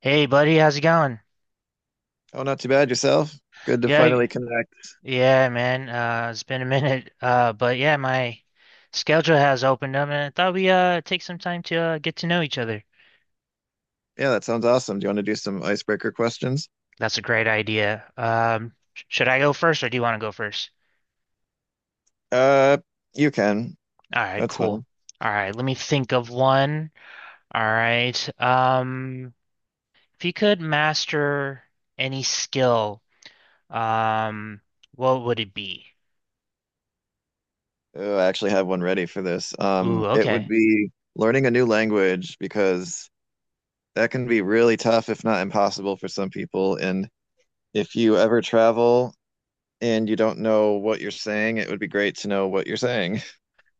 Hey buddy, how's it going? Oh, not too bad yourself. Good to finally Yeah, connect. yeah, man. It's been a minute. But yeah, my schedule has opened up, and I thought we take some time to get to know each other. Yeah, that sounds awesome. Do you want to do some icebreaker questions? That's a great idea. Should I go first, or do you want to go first? Uh, you can. All right, That's cool. fine. All right, let me think of one. All right. If you could master any skill, um, what would it be? Oh, I actually have one ready for this. Ooh, It would okay. be learning a new language because that can be really tough, if not impossible, for some people. And if you ever travel and you don't know what you're saying, it would be great to know what you're saying.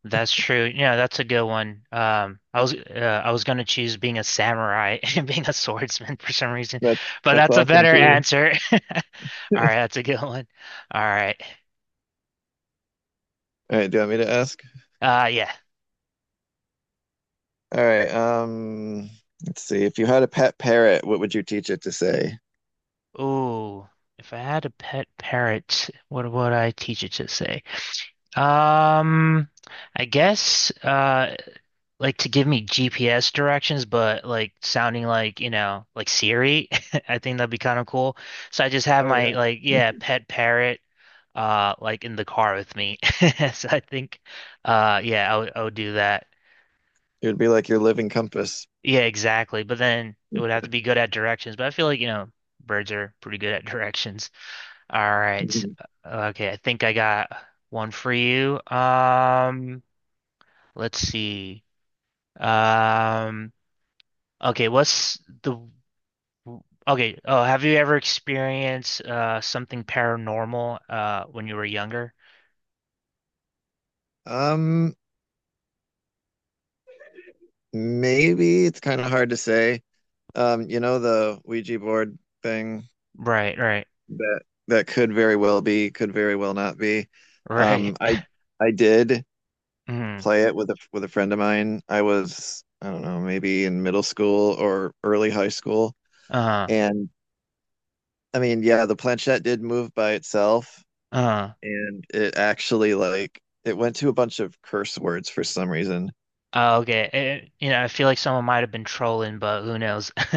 That's true. Yeah, that's a good one. I was gonna choose being a samurai and being a swordsman for some reason, That's but that's that's a awesome better too. answer. All right, that's a good one. All right. All right, do you want me to ask? Yeah. All right, let's see. If you had a pet parrot, what would you teach it to say? Ooh, if I had a pet parrot, what would I teach it to say? Um, I guess. Uh, like to give me GPS directions, but like sounding like, you know, like Siri. I think that'd be kind of cool. So I just have Oh yeah. my like, yeah, pet parrot like in the car with me. So I think yeah, I would do that. It would be like your living compass. Yeah, exactly. But then it would have to be good at directions, but I feel like, you know, birds are pretty good at directions. All right. Mm-hmm. Okay, I think I got one for you. Let's see. Um, okay, what's the Okay, have you ever experienced something paranormal when you were younger? Um, Maybe it's kind of hard to say. You know the Ouija board thing, Right, right, that that could very well be, could very well not be. right. Um, I I did Mm, play it with a friend of mine. I was, I don't know, maybe in middle school or early high school. uh, And I mean, yeah, the planchette did move by itself, uh, and it actually like it went to a bunch of curse words for some reason. Okay. You know, I feel like someone might have been trolling, but who knows?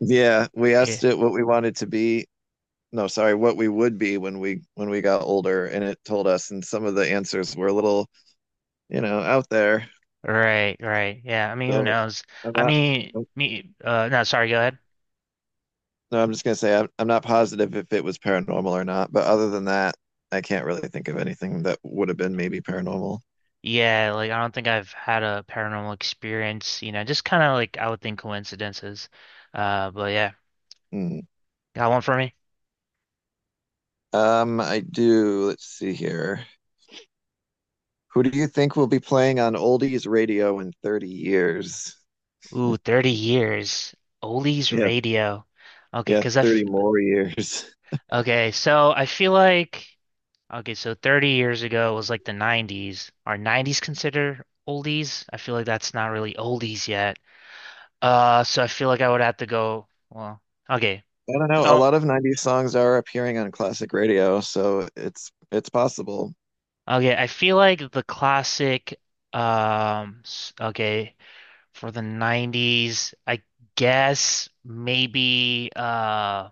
Yeah, we Yeah, asked it what we wanted to be. No, sorry, what we would be when we got older, and it told us. And some of the answers were a little, you know, out there. right, right. Yeah, I mean, who So knows? I'm I not. mean, Nope, me. No, sorry. Go ahead. No, I'm just gonna say I'm not positive if it was paranormal or not. But other than that, I can't really think of anything that would have been maybe paranormal. Yeah, like I don't think I've had a paranormal experience. You know, just kind of like I would think coincidences. But yeah, Hmm. got one for me. I do. Let's see here. Who do you think will be playing on oldies radio in 30 years? Ooh, 30 years. Ollie's Yeah, radio. Okay, yeah, cause I f 30 more years. okay, so I feel like okay, so 30 years ago was like the 90s. Are 90s considered oldies? I feel like that's not really oldies yet. So I feel like I would have to go, well, okay. I don't know. A Oh, lot of 90s songs are appearing on classic radio, so it's possible. okay, I feel like okay, for the 90s, I guess maybe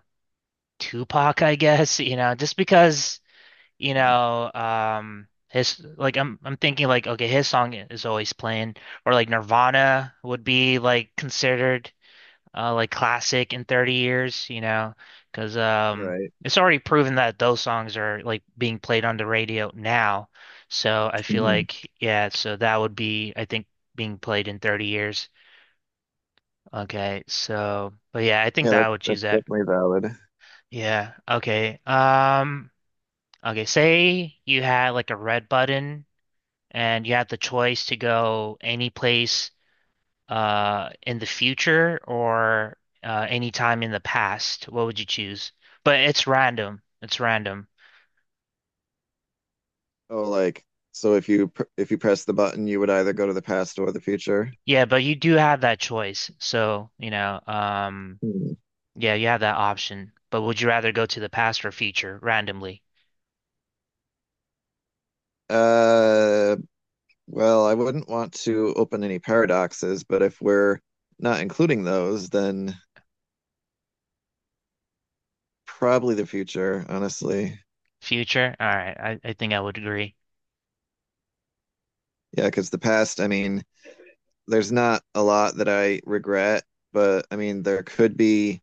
Tupac, I guess, you know, just because you know, his like I'm thinking like okay, his song is always playing or like Nirvana would be like considered like classic in 30 years, you know, because um Right. it's already proven that those songs are like being played on the radio now. So I feel Hmm. like yeah, so that would be I think being played in 30 years. Okay. So but yeah, I think Yeah, that I that's would choose that's that. definitely valid. Yeah. Okay. Um, okay, say you had like a red button and you have the choice to go any place in the future or any time in the past, what would you choose? But it's random. It's random. Oh, like so if you pr if you press the button, you would either go to the past or the future. Yeah, but you do have that choice. So, you know, Hmm. yeah, you have that option. But would you rather go to the past or future randomly? Uh, well, I wouldn't want to open any paradoxes, but if we're not including those, then probably the future, honestly. Future? All right. I think I would agree. Yeah, because the past, I mean, there's not a lot that I regret, but I mean, there could be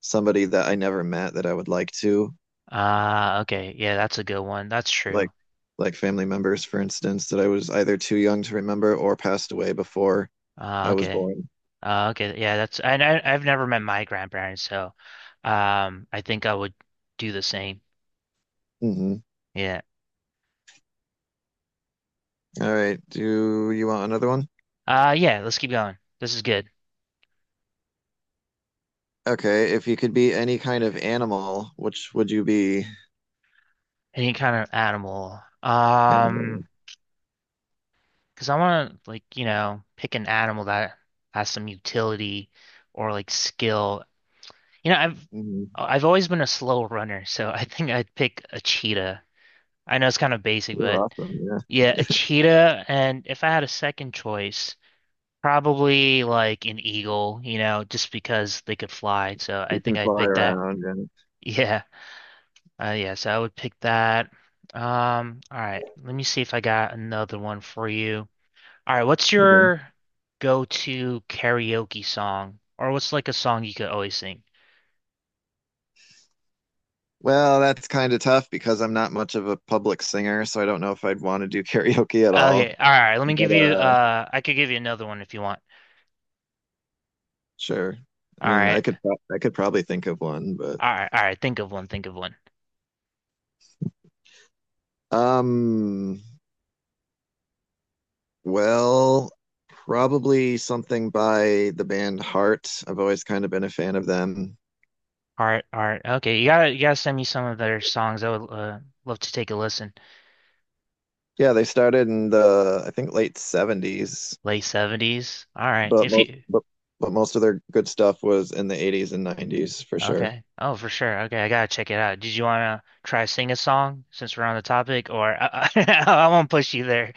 somebody that I never met that I would like to, Uh, okay. Yeah, that's a good one. That's like true. like family members, for instance, that I was either too young to remember or passed away before Uh, I was okay. born. Okay, yeah, that's and I've never met my grandparents, so I think I would do the same. Hmm. Yeah. All right. Do you want another one? Yeah. Let's keep going. This is good. Okay. If you could be any kind of animal, which would you be? Any kind of animal. And Because I want to like you know pick an animal that has some utility or like skill. You know, mhm. I've always been a slow runner, so I think I'd pick a cheetah. I know it's kind of basic, You're but awesome. Yeah. yeah, a cheetah. And if I had a second choice. Probably like an eagle, you know, just because they could fly. So I You think can I'd fly pick that. around and Yeah. Yeah. So I would pick that. All right. Let me see if I got another one for you. All right. What's mhm. your go-to karaoke song? Or what's like a song you could always sing? Well, that's kind of tough because I'm not much of a public singer, so I don't know if I'd want to do karaoke at all. Okay. All right. Let me But give you, uh I could give you another one if you want. sure. I All mean, right. I could probably think of one, but All right. All right. Think of one. Think of one. um, well, probably something by the band Heart. I've always kind of been a fan of them. All right. All right. Okay. You gotta send me some of their songs. I would, love to take a listen. Yeah, they started in the, I think, late 70s, Late 70s. All right. but If most you but, but most of their good stuff was in the 80s and 90s for sure. okay. Oh, for sure. Okay, I gotta check it out. Did you wanna try sing a song since we're on the topic, or I won't push you there.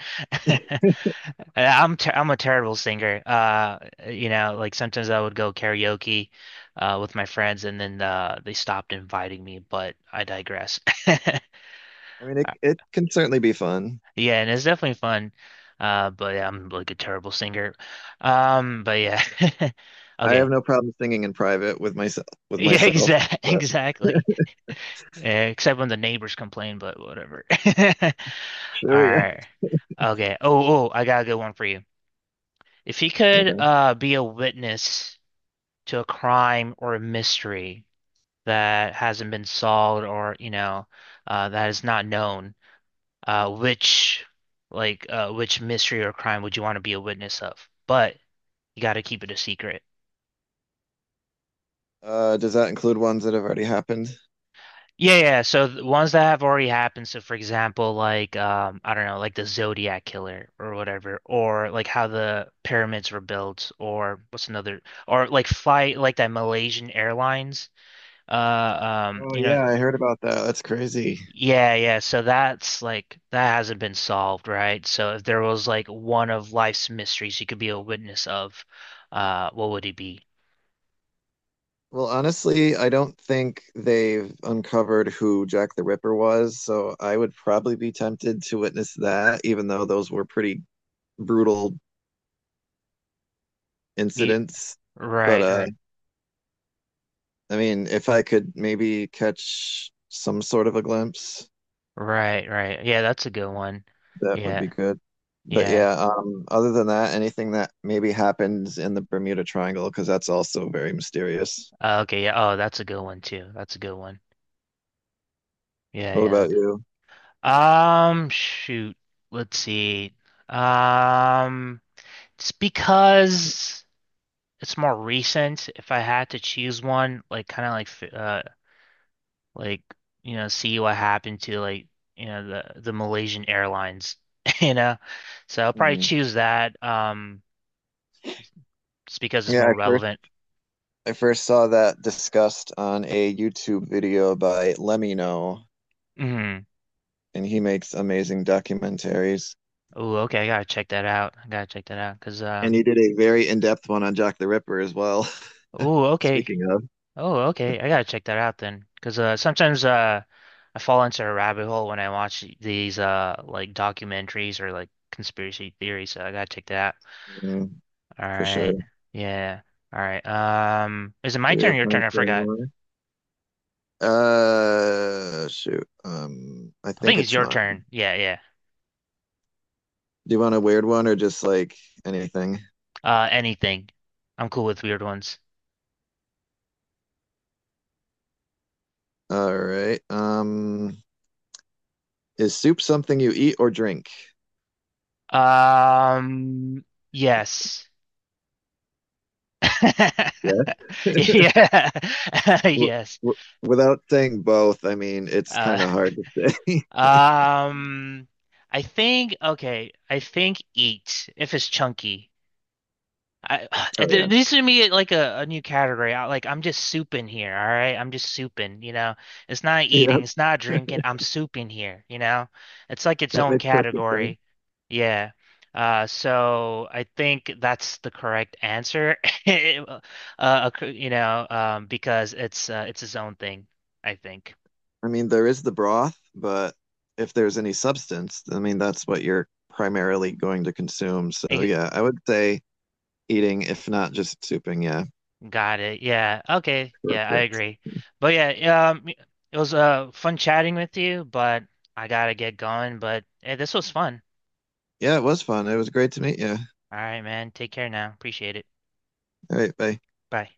I'm a terrible singer. You know, like sometimes I would go karaoke, with my friends, and then they stopped inviting me. But I digress. I mean, it can certainly be fun. Yeah, and it's definitely fun. But yeah, I'm like a terrible singer. But yeah. I Okay. have no problem singing in private with Yeah, myself, exact but Exactly. Yeah, except when the neighbors complain, but whatever. All sure, yeah. right. Okay. Oh, oh, I got a good one for you. If you could Okay. Be a witness to a crime or a mystery that hasn't been solved or, you know, that is not known, uh which which mystery or crime would you want to be a witness of? But you got to keep it a secret. Does that include ones that have already happened? Yeah, yeah. So the ones that have already happened. So for example, like I don't know, like the Zodiac Killer or whatever, or like how the pyramids were built, or like fly like that Malaysian Airlines. Uh, Oh you know, yeah, I heard about that. That's crazy. yeah, yeah. So that's like that hasn't been solved, right? So if there was like one of life's mysteries, you could be a witness of, what would it be? Well, honestly, I don't think they've uncovered who Jack the Ripper was, so I would probably be tempted to witness that, even though those were pretty brutal You, incidents. But right, right, I mean, if I could maybe catch some sort of a glimpse, right, right. Yeah, that's a good one. that would be Yeah, good. But yeah. yeah, other than that, anything that maybe happens in the Bermuda Triangle, because that's also very mysterious. Okay, yeah. Oh, that's a good one too. That's a good one. Yeah, What yeah. about you? That, shoot. Let's see. Um, it's because it's more recent. If I had to choose one, like you know, see what happened to like you know the Malaysian Airlines, you know. So I'll probably Mhm. choose that. Just because it's Yeah, more I first. relevant. I first saw that discussed on a YouTube video by Lemino, Mm. and he makes amazing documentaries. Oh, okay. I gotta check that out. I gotta check that out because And um. he did a very in-depth one on Jack the Ripper as well. Oh, okay. Speaking of, Oh, okay. I gotta check that out then, because sometimes I fall into a rabbit hole when I watch these like documentaries or like conspiracy theories. So I gotta check that out. mm, All for sure. right. Do Yeah. All right. Is it my we turn or have your turn? time I for any forgot. more? Shoot. I I think think it's it's your mine. Do turn. Yeah, yeah. you want a weird one or just like anything? Anything. I'm cool with weird ones. All right. Is soup something you eat or drink? Um, yes. Yeah. Yeah. w- Yes. w- Without saying both, I mean, it's Uh, kind of hard to say. Um, I think okay. I think eat if it's chunky. I Oh, there yeah. needs to be like a new category. Like I'm just souping here. All right, I'm just souping. You know, it's not Yeah, eating. It's not drinking. I'm souping here. You know, it's like its that own makes perfect sense. category. Yeah. So I think that's the correct answer. You know, because it's its own thing, I think. I mean, there is the broth, but if there's any substance, I mean, that's what you're primarily going to consume. So, yeah, I would say eating, if not just souping. Yeah, Got it. Yeah. Okay. Yeah, I perfect. agree. But yeah, it was fun chatting with you, but I gotta get going. But hey, this was fun. Yeah, it was fun. It was great to meet you. All right, man. Take care now. Appreciate it. All right, bye. Bye.